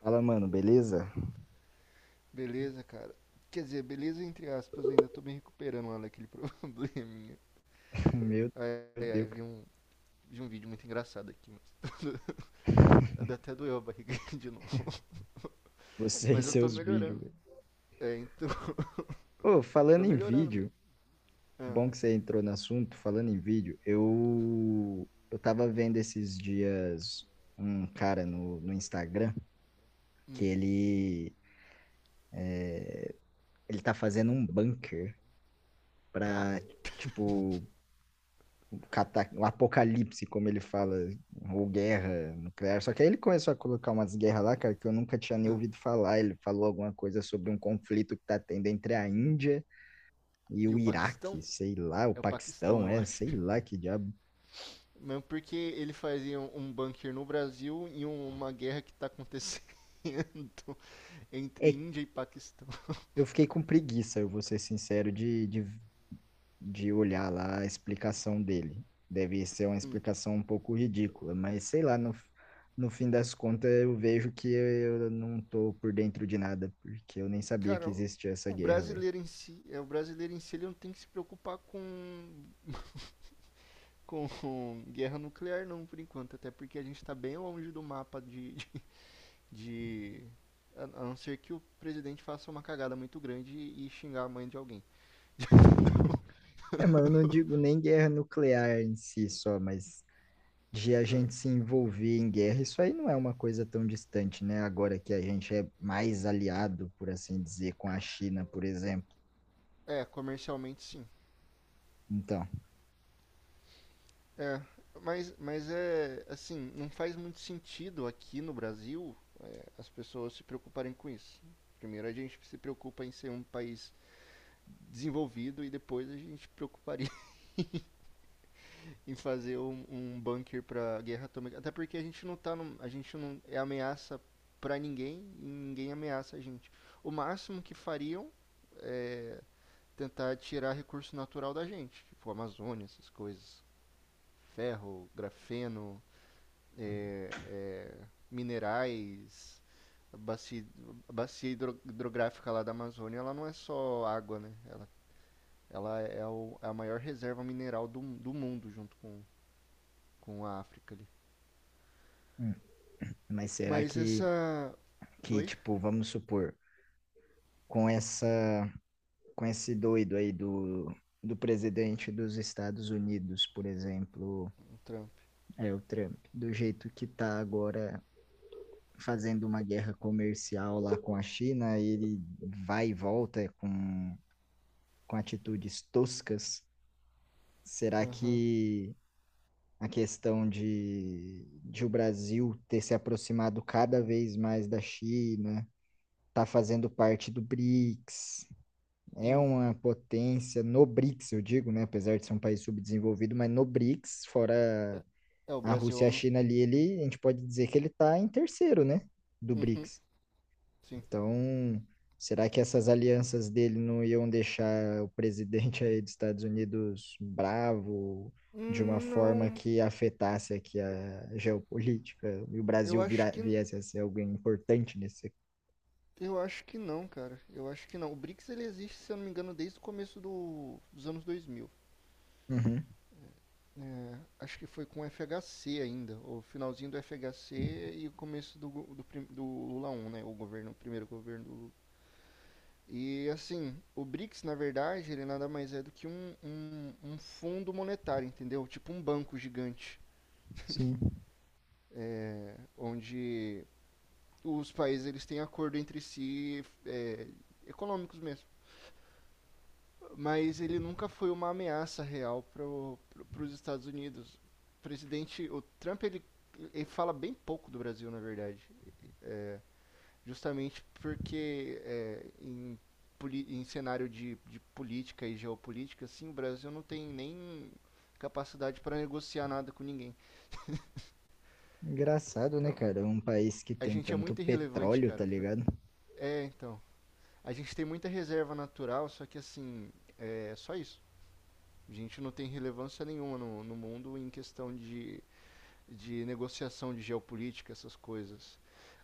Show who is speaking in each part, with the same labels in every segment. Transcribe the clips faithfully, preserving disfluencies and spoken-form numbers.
Speaker 1: Fala, mano, beleza?
Speaker 2: Beleza, cara. Quer dizer, beleza entre aspas, ainda tô me recuperando lá daquele probleminha.
Speaker 1: Meu,
Speaker 2: Ai,
Speaker 1: meu
Speaker 2: ai, ai,
Speaker 1: Deus,
Speaker 2: vi
Speaker 1: cara.
Speaker 2: um, vi um vídeo muito engraçado aqui, mas até doeu a barriga de novo.
Speaker 1: Você e
Speaker 2: Mas eu tô
Speaker 1: seus vídeos,
Speaker 2: melhorando.
Speaker 1: velho.
Speaker 2: É, então,
Speaker 1: Ô, falando
Speaker 2: tô
Speaker 1: em
Speaker 2: melhorando, mesmo.
Speaker 1: vídeo,
Speaker 2: Ah.
Speaker 1: bom que você entrou no assunto, falando em vídeo, eu, eu tava vendo esses dias um cara no, no Instagram que
Speaker 2: Hum.
Speaker 1: ele, ele tá fazendo um bunker
Speaker 2: Pra?
Speaker 1: pra, tipo, cata- o apocalipse, como ele fala, ou guerra nuclear. Só que aí ele começou a colocar umas guerras lá, cara, que eu nunca tinha nem
Speaker 2: Ah.
Speaker 1: ouvido falar. Ele falou alguma coisa sobre um conflito que tá tendo entre a Índia e
Speaker 2: E
Speaker 1: o
Speaker 2: o Paquistão?
Speaker 1: Iraque, sei lá, o
Speaker 2: É o Paquistão,
Speaker 1: Paquistão,
Speaker 2: eu
Speaker 1: é,
Speaker 2: acho.
Speaker 1: sei lá que diabo.
Speaker 2: Mesmo porque ele fazia um, um bunker no Brasil e um- uma guerra que tá acontecendo
Speaker 1: É,
Speaker 2: entre Índia e Paquistão.
Speaker 1: eu fiquei com preguiça, eu vou ser sincero, de, de, de olhar lá a explicação dele. Deve ser uma
Speaker 2: Hum.
Speaker 1: explicação um pouco ridícula, mas sei lá, no, no fim das contas eu vejo que eu não tô por dentro de nada, porque eu nem sabia que
Speaker 2: Cara,
Speaker 1: existia essa
Speaker 2: o
Speaker 1: guerra, velho.
Speaker 2: brasileiro em si, é, o brasileiro em si ele não tem que se preocupar com, com guerra nuclear não, por enquanto, até porque a gente está bem longe do mapa de, de, de- a a não ser que o presidente faça uma cagada muito grande e, e xingar a mãe de alguém.
Speaker 1: É, mas eu não digo nem guerra nuclear em si só, mas de a gente se envolver em guerra, isso aí não é uma coisa tão distante, né? Agora que a gente é mais aliado, por assim dizer, com a China, por exemplo.
Speaker 2: É, é, comercialmente sim.
Speaker 1: Então,
Speaker 2: É, mas, mas é assim, não faz muito sentido aqui no Brasil é, as pessoas se preocuparem com isso. Primeiro a gente se preocupa em ser um país desenvolvido e depois a gente preocuparia em fazer um, um bunker pra guerra atômica. Até porque a gente não tá num- a gente não é ameaça pra ninguém e ninguém ameaça a gente. O máximo que fariam é tentar tirar recurso natural da gente, tipo Amazônia, essas coisas, ferro, grafeno, é, é, minerais, a bacia, a bacia hidro- hidrográfica lá da Amazônia, ela não é só água, né? Ela, ela é o- é a maior reserva mineral do, do mundo junto com, com a África ali.
Speaker 1: hum, mas será
Speaker 2: Mas
Speaker 1: que,
Speaker 2: essa.
Speaker 1: que
Speaker 2: Oi?
Speaker 1: tipo, vamos supor, com essa, com esse doido aí do, do presidente dos Estados Unidos, por exemplo,
Speaker 2: O Trump.
Speaker 1: é o Trump, do jeito que tá agora fazendo uma guerra comercial lá com a China, ele vai e volta com, com atitudes toscas. Será
Speaker 2: Aham.
Speaker 1: que a questão de, de o Brasil ter se aproximado cada vez mais da China, tá fazendo parte do BRICS, é
Speaker 2: Hum.
Speaker 1: uma potência no BRICS, eu digo, né? Apesar de ser um país subdesenvolvido, mas no BRICS,
Speaker 2: É,
Speaker 1: fora
Speaker 2: é, o
Speaker 1: a
Speaker 2: Brasil. é
Speaker 1: Rússia e a
Speaker 2: um-
Speaker 1: China ali, ele, a gente pode dizer que ele está em terceiro, né? Do
Speaker 2: Uhum.
Speaker 1: BRICS.
Speaker 2: Sim.
Speaker 1: Então, será que essas alianças dele não iam deixar o presidente aí dos Estados Unidos bravo de uma
Speaker 2: Hum.
Speaker 1: forma
Speaker 2: Não.
Speaker 1: que afetasse aqui a geopolítica e o Brasil
Speaker 2: Eu acho
Speaker 1: vira,
Speaker 2: que.
Speaker 1: viesse a ser alguém importante nesse?
Speaker 2: Eu acho que não, cara. Eu acho que não. O bricks ele existe, se eu não me engano, desde o começo do- dos anos dois mil.
Speaker 1: Uhum,
Speaker 2: É, acho que foi com o F H C ainda. O finalzinho do F H C e o começo do, go- do, prim- do Lula um, né? O governo, o primeiro governo do Lula. E assim, o bricks, na verdade, ele nada mais é do que um, um, um fundo monetário, entendeu? Tipo um banco gigante.
Speaker 1: sim.
Speaker 2: É, onde os países eles têm acordo entre si, é, econômicos mesmo. Mas ele nunca foi uma ameaça real para os Estados Unidos. O presidente, o Trump, ele, ele fala bem pouco do Brasil, na verdade. É, justamente porque é, em, em cenário de, de política e geopolítica, assim, o Brasil não tem nem capacidade para negociar nada com ninguém.
Speaker 1: Engraçado, né,
Speaker 2: Então,
Speaker 1: cara? Um país que
Speaker 2: a
Speaker 1: tem
Speaker 2: gente é
Speaker 1: tanto
Speaker 2: muito irrelevante,
Speaker 1: petróleo, tá
Speaker 2: cara.
Speaker 1: ligado?
Speaker 2: É, então. A gente tem muita reserva natural, só que assim, é só isso. A gente não tem relevância nenhuma no, no mundo em questão de, de negociação de geopolítica, essas coisas.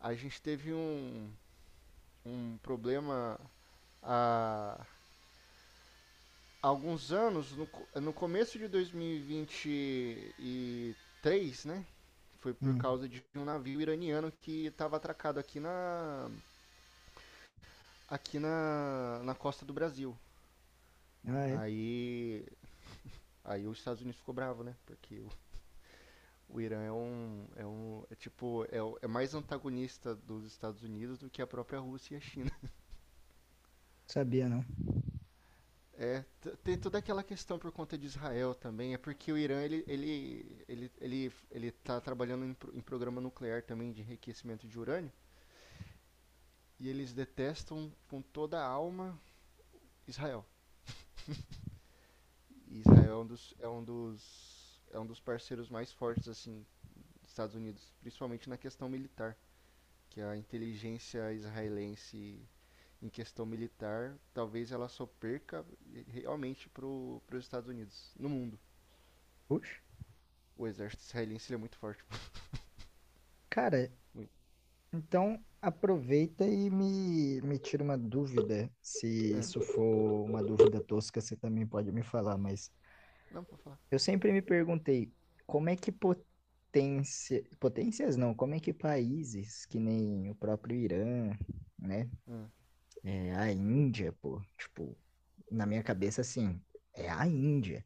Speaker 2: A gente teve um, um problema há alguns anos, no, co- no começo de dois mil e vinte e três, né? Foi por
Speaker 1: Hum.
Speaker 2: causa de um navio iraniano que estava atracado aqui na, aqui na, na costa do Brasil.
Speaker 1: Ah, é?
Speaker 2: Aí Aí os Estados Unidos ficou bravo, né? Porque o, o Irã é um, é um, é tipo, é, o- é mais antagonista dos Estados Unidos do que a própria Rússia e a China.
Speaker 1: Sabia não.
Speaker 2: É, t- tem toda aquela questão por conta de Israel também. É porque o Irã ele, ele, ele, ele, ele tá trabalhando em, pro- em programa nuclear também de enriquecimento de urânio e eles detestam com toda a alma Israel. E Israel é um dos, é um dos, é um dos parceiros mais fortes assim dos Estados Unidos, principalmente na questão militar. Que a inteligência israelense em questão militar, talvez ela só perca realmente para os Estados Unidos, no mundo.
Speaker 1: Puxa.
Speaker 2: O exército israelense ele é muito forte.
Speaker 1: Cara,
Speaker 2: Muito.
Speaker 1: então, aproveita e me, me tira uma dúvida. Se
Speaker 2: Ah,
Speaker 1: isso for uma dúvida tosca, você também pode me falar, mas
Speaker 2: não, pode falar.
Speaker 1: eu sempre me perguntei como é que potência, potências não, como é que países que nem o próprio Irã, né?
Speaker 2: Ah.
Speaker 1: É, a Índia, pô, tipo, na minha cabeça, assim, é a Índia.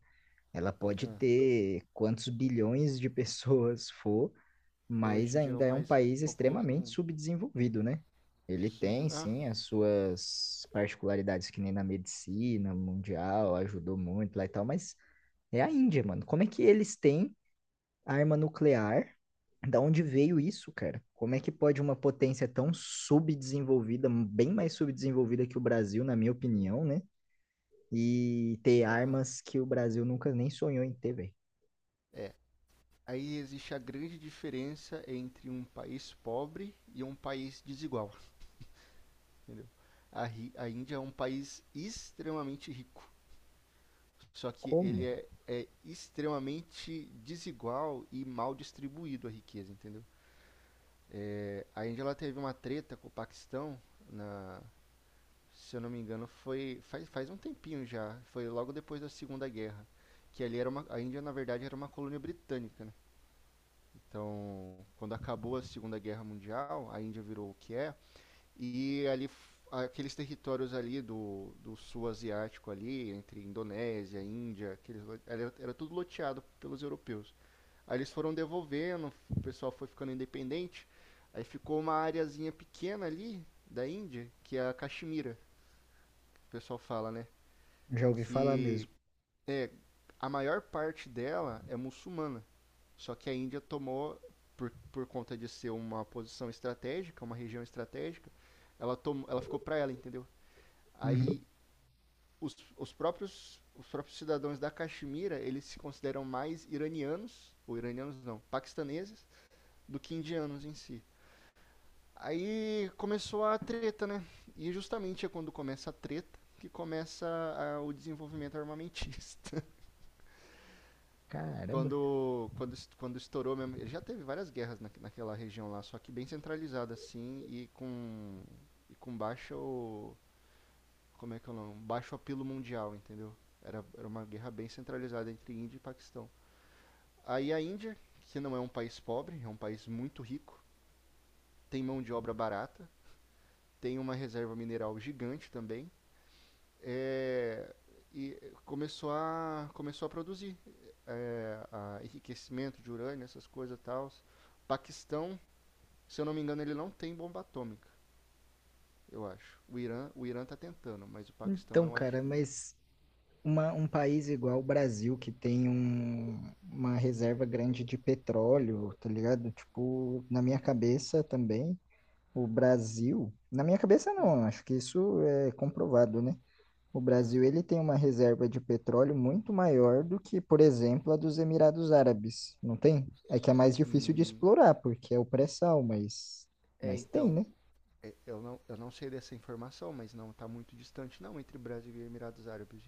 Speaker 1: Ela pode
Speaker 2: Ah,
Speaker 1: ter quantos bilhões de pessoas for,
Speaker 2: Hoje
Speaker 1: mas
Speaker 2: em dia é o
Speaker 1: ainda é um
Speaker 2: mais
Speaker 1: país
Speaker 2: populoso do
Speaker 1: extremamente
Speaker 2: mundo.
Speaker 1: subdesenvolvido, né? Ele tem,
Speaker 2: Subdim- ah.
Speaker 1: sim, as suas particularidades, que nem na medicina mundial, ajudou muito lá e tal, mas é a Índia, mano. Como é que eles têm arma nuclear? Da onde veio isso, cara? Como é que pode uma potência tão subdesenvolvida, bem mais subdesenvolvida que o Brasil, na minha opinião, né? E ter
Speaker 2: Ah,
Speaker 1: armas que o Brasil nunca nem sonhou em ter, velho?
Speaker 2: é. Aí existe a grande diferença entre um país pobre e um país desigual, entendeu? A, a Índia é um país extremamente rico. Só que ele
Speaker 1: Como?
Speaker 2: é, é extremamente desigual e mal distribuído a riqueza, entendeu? É, a Índia ela teve uma treta com o Paquistão, na, se eu não me engano, foi faz, faz um tempinho já, foi logo depois da Segunda Guerra, que ali era uma, a Índia na verdade era uma colônia britânica, né? Então, quando acabou a Segunda Guerra Mundial, a Índia virou o que é, e ali, aqueles territórios ali do, do sul asiático ali, entre Indonésia, Índia, aqueles, era, era tudo loteado pelos europeus. Aí eles foram devolvendo, o pessoal foi ficando independente, aí ficou uma areazinha pequena ali da Índia, que é a Caxemira, que o pessoal fala, né?
Speaker 1: Já ouvi falar
Speaker 2: Que
Speaker 1: mesmo.
Speaker 2: é, a maior parte dela é muçulmana, só que a Índia tomou, por, por conta de ser uma posição estratégica, uma região estratégica, ela, tom, ela ficou pra ela, entendeu?
Speaker 1: Uhum.
Speaker 2: Aí os, os próprios os próprios cidadãos da Caxemira, eles se consideram mais iranianos, ou iranianos não, paquistaneses, do que indianos em si. Aí começou a treta, né? E justamente é quando começa a treta que começa a- o desenvolvimento armamentista.
Speaker 1: Caramba.
Speaker 2: quando, quando, quando estourou mesmo. Ele já teve várias guerras na, naquela região lá, só que bem centralizada assim e com, e com baixa como é que é o nome? Um baixo apelo mundial, entendeu? Era, era uma guerra bem centralizada entre Índia e Paquistão. Aí a Índia, que não é um país pobre, é um país muito rico, tem mão de obra barata, tem uma reserva mineral gigante também, é, e começou a, começou a produzir, é, a enriquecimento de urânio, essas coisas e tal. Paquistão, se eu não me engano, ele não tem bomba atômica, eu acho. O Irã, o Irã tá tentando, mas o Paquistão
Speaker 1: Então,
Speaker 2: eu acho
Speaker 1: cara,
Speaker 2: que não.
Speaker 1: mas uma- um país igual o Brasil, que tem um- uma reserva grande de petróleo, tá ligado? Tipo, na minha cabeça também, o Brasil, na minha cabeça
Speaker 2: Hum.
Speaker 1: não, acho que isso é comprovado, né? O Brasil, ele tem uma reserva de petróleo muito maior do que, por exemplo, a dos Emirados Árabes, não tem? É que é mais difícil de
Speaker 2: Hum.
Speaker 1: explorar, porque é o pré-sal, mas,
Speaker 2: É,
Speaker 1: mas tem,
Speaker 2: então,
Speaker 1: né?
Speaker 2: é, eu não, eu não sei dessa informação, mas não está muito distante não entre Brasil e Emirados Árabes.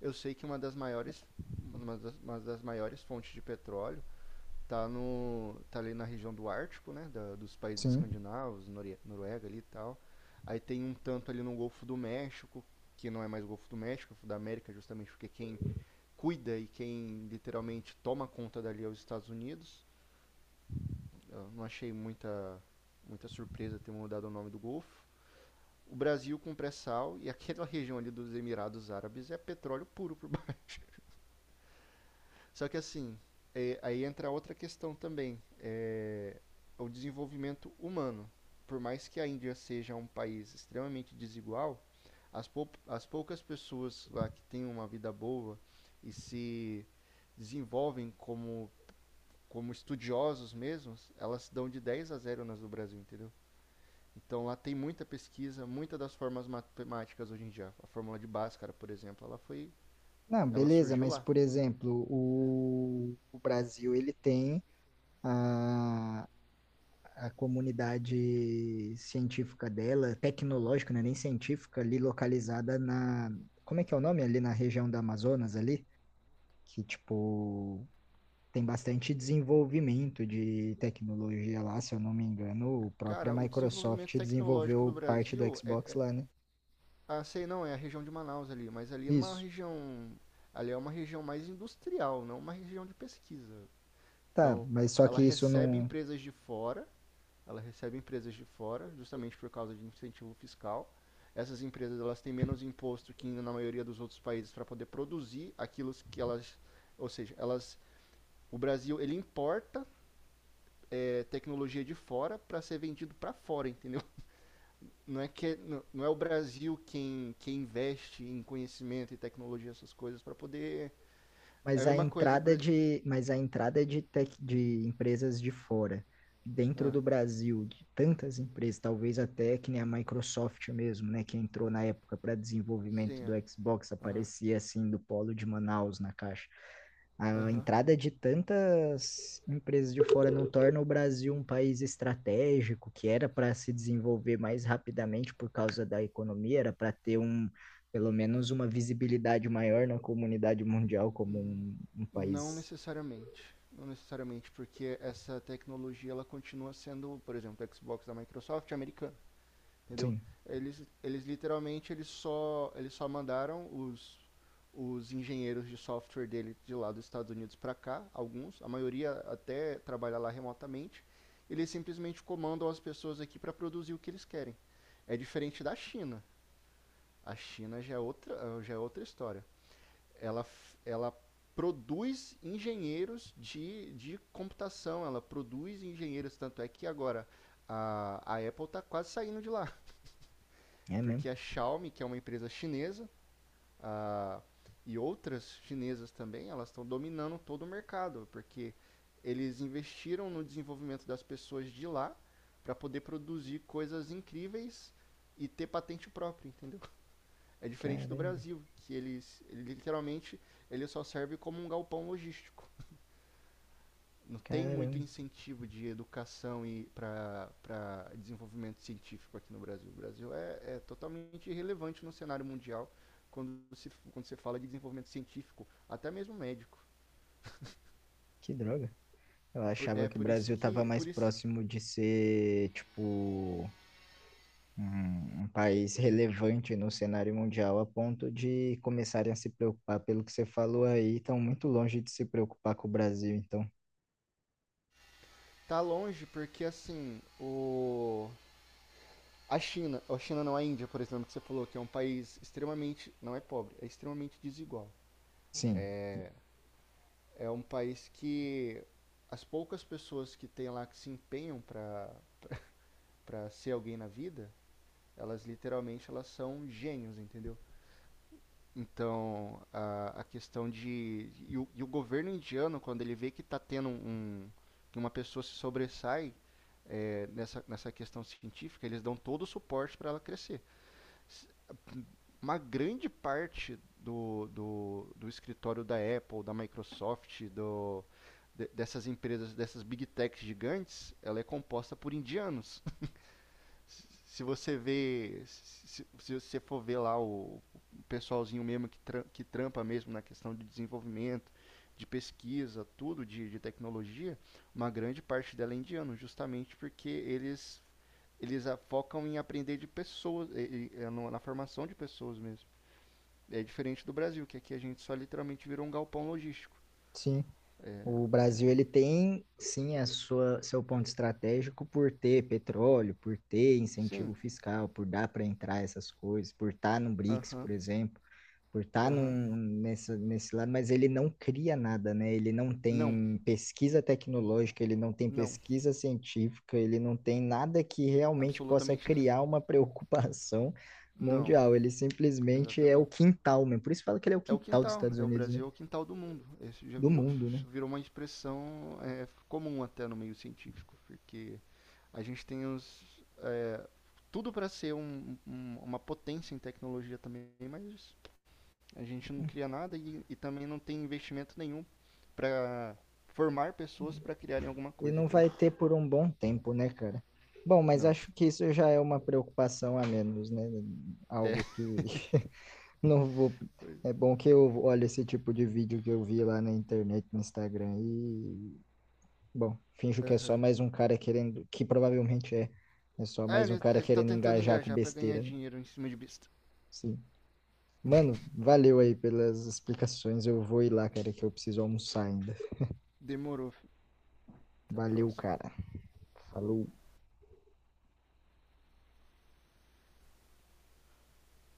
Speaker 2: Eu sei que uma das maiores uma das, uma das maiores fontes de petróleo está tá ali na região do Ártico, né, da- dos países
Speaker 1: Sim.
Speaker 2: escandinavos, Nore- Noruega ali e tal. Aí tem um tanto ali no Golfo do México, que não é mais o Golfo do México, é o Golfo da América, justamente porque quem cuida e quem literalmente toma conta dali é os Estados Unidos. Eu não achei muita muita surpresa ter mudado o nome do Golfo. O Brasil com pré-sal e aquela região ali dos Emirados Árabes é petróleo puro por baixo. Só que assim, é, aí entra outra questão também, é o desenvolvimento humano. Por mais que a Índia seja um país extremamente desigual, as, pou, as poucas pessoas lá que têm uma vida boa e se desenvolvem como, como estudiosos mesmos, elas dão de dez a zero nas do Brasil, entendeu? Então lá tem muita pesquisa, muitas das formas matemáticas hoje em dia. A fórmula de Bhaskara, por exemplo, ela foi,
Speaker 1: Não,
Speaker 2: ela
Speaker 1: beleza,
Speaker 2: surgiu
Speaker 1: mas
Speaker 2: lá.
Speaker 1: por exemplo, o, o Brasil ele tem a, a comunidade científica dela, tecnológica, né, nem científica, ali localizada na, como é que é o nome? Ali na região da Amazonas ali, que tipo tem bastante desenvolvimento de tecnologia lá, se eu não me engano, a própria
Speaker 2: Cara, o desenvolvimento
Speaker 1: Microsoft
Speaker 2: tecnológico do
Speaker 1: desenvolveu parte do
Speaker 2: Brasil é,
Speaker 1: Xbox
Speaker 2: é
Speaker 1: lá, né?
Speaker 2: ah, sei não, é a região de Manaus ali, mas ali é uma
Speaker 1: Isso.
Speaker 2: região, ali é uma região mais industrial, não uma região de pesquisa.
Speaker 1: Tá,
Speaker 2: Então,
Speaker 1: mas só
Speaker 2: Ela
Speaker 1: que isso
Speaker 2: recebe
Speaker 1: não.
Speaker 2: empresas de fora, ela recebe empresas de fora, justamente por causa de incentivo fiscal. Essas empresas elas têm menos imposto que na maioria dos outros países para poder produzir aquilo que elas, ou seja, elas. O Brasil, ele importa, é, tecnologia de fora para ser vendido para fora, entendeu? Não é, que, é, não, não é o Brasil quem, quem investe em conhecimento e tecnologia, essas coisas, para poder. É a
Speaker 1: Mas a
Speaker 2: mesma coisa, por
Speaker 1: entrada
Speaker 2: exemplo.
Speaker 1: de, mas a entrada de tech, de empresas de fora, dentro
Speaker 2: Ah,
Speaker 1: do Brasil, de tantas empresas, talvez até que nem a Microsoft mesmo, né, que entrou na época para desenvolvimento
Speaker 2: sim,
Speaker 1: do
Speaker 2: ah,
Speaker 1: Xbox,
Speaker 2: aham,
Speaker 1: aparecia assim do polo de Manaus na caixa. A
Speaker 2: aham.
Speaker 1: entrada de tantas empresas de fora não torna o Brasil um país estratégico, que era para se desenvolver mais rapidamente por causa da economia, era para ter um, pelo menos uma visibilidade maior na comunidade mundial como um, um
Speaker 2: Não
Speaker 1: país.
Speaker 2: necessariamente. Não necessariamente, porque essa tecnologia ela continua sendo, por exemplo, o Xbox da Microsoft americana. Entendeu?
Speaker 1: Sim,
Speaker 2: Eles, eles literalmente eles só, eles só mandaram os, os engenheiros de software dele de lá dos Estados Unidos para cá, alguns, a maioria até trabalha lá remotamente. Eles simplesmente comandam as pessoas aqui para produzir o que eles querem. É diferente da China. A China já é outra, já é outra história. Ela, Ela produz engenheiros de, de computação, ela produz engenheiros, tanto é que agora a, a Apple está quase saindo de lá.
Speaker 1: é mesmo.
Speaker 2: Porque a Xiaomi, que é uma empresa chinesa, ah, e outras chinesas também, elas estão dominando todo o mercado, porque eles investiram no desenvolvimento das pessoas de lá para poder produzir coisas incríveis e ter patente própria, entendeu? É diferente do
Speaker 1: Caramba,
Speaker 2: Brasil, que eles ele literalmente ele só serve como um galpão logístico, não tem muito
Speaker 1: caramba,
Speaker 2: incentivo de educação e para desenvolvimento científico aqui no Brasil. O Brasil é, é totalmente irrelevante no cenário mundial quando se quando você fala de desenvolvimento científico, até mesmo médico.
Speaker 1: que droga. Eu
Speaker 2: É
Speaker 1: achava que o
Speaker 2: por isso
Speaker 1: Brasil estava
Speaker 2: que
Speaker 1: mais
Speaker 2: por isso
Speaker 1: próximo de ser, tipo, um, um país relevante no cenário mundial a ponto de começarem a se preocupar pelo que você falou aí, estão muito longe de se preocupar com o Brasil, então,
Speaker 2: tá longe, porque assim, o a China, a China não a Índia, por exemplo, que você falou que é um país extremamente, não é pobre, é extremamente desigual.
Speaker 1: sim,
Speaker 2: É um país que as poucas pessoas que tem lá que se empenham para para ser alguém na vida, elas literalmente elas são gênios, entendeu? Então, a, a questão de. E o, e o governo indiano, quando ele vê que está tendo um, um, que uma pessoa se sobressai, eh, nessa, nessa questão científica, eles dão todo o suporte para ela crescer. S- Uma grande parte do, do, do escritório da Apple, da Microsoft, do, de- dessas empresas, dessas big techs gigantes, ela é composta por indianos. Se você vê, se, se você for ver lá o, o pessoalzinho mesmo que, tra- que trampa mesmo na questão de desenvolvimento, de pesquisa, tudo de, de tecnologia, uma grande parte dela é indiano, justamente porque eles eles focam em aprender de pessoas, e- e- é na formação de pessoas mesmo. É diferente do Brasil, que aqui a gente só literalmente virou um galpão logístico.
Speaker 1: sim, o Brasil ele tem sim a sua seu ponto estratégico por ter petróleo, por ter
Speaker 2: Sim,
Speaker 1: incentivo fiscal, por dar para entrar essas coisas, por estar no BRICS,
Speaker 2: aham,
Speaker 1: por exemplo, por estar
Speaker 2: aham.
Speaker 1: num, nessa, nesse lado, mas ele não cria nada, né? Ele não
Speaker 2: Não,
Speaker 1: tem pesquisa tecnológica, ele não tem
Speaker 2: não,
Speaker 1: pesquisa científica, ele não tem nada que realmente possa
Speaker 2: absolutamente nenhum.
Speaker 1: criar uma preocupação
Speaker 2: Não,
Speaker 1: mundial. Ele simplesmente é o
Speaker 2: exatamente.
Speaker 1: quintal, né? Por isso fala que ele é o
Speaker 2: É o
Speaker 1: quintal dos
Speaker 2: quintal,
Speaker 1: Estados
Speaker 2: é o
Speaker 1: Unidos, né?
Speaker 2: Brasil é o quintal do mundo. Isso já
Speaker 1: Do
Speaker 2: virou,
Speaker 1: mundo, né?
Speaker 2: virou uma expressão, é, comum até no meio científico, porque a gente tem os, é, tudo para ser um- um- uma potência em tecnologia também, mas a gente não cria nada e, e também não tem investimento nenhum para formar pessoas para criarem alguma
Speaker 1: E
Speaker 2: coisa,
Speaker 1: não
Speaker 2: entendeu?
Speaker 1: vai ter por um bom tempo, né, cara? Bom, mas
Speaker 2: Não.
Speaker 1: acho que isso já é uma preocupação a menos, né?
Speaker 2: É.
Speaker 1: Algo que não vou. É bom que eu olho esse tipo de vídeo que eu vi lá na internet, no Instagram, e, bom, finjo que é só
Speaker 2: Aham.
Speaker 1: mais um cara querendo, que provavelmente é, é só
Speaker 2: Ah,
Speaker 1: mais um
Speaker 2: ele,
Speaker 1: cara
Speaker 2: ele tá
Speaker 1: querendo
Speaker 2: tentando
Speaker 1: engajar com
Speaker 2: engajar para ganhar
Speaker 1: besteira, né?
Speaker 2: dinheiro em cima de besta.
Speaker 1: Sim. Mano, valeu aí pelas explicações. Eu vou ir lá, cara, que eu preciso almoçar ainda.
Speaker 2: Demorou. Até a
Speaker 1: Valeu,
Speaker 2: próxima.
Speaker 1: cara.
Speaker 2: Falou.
Speaker 1: Falou.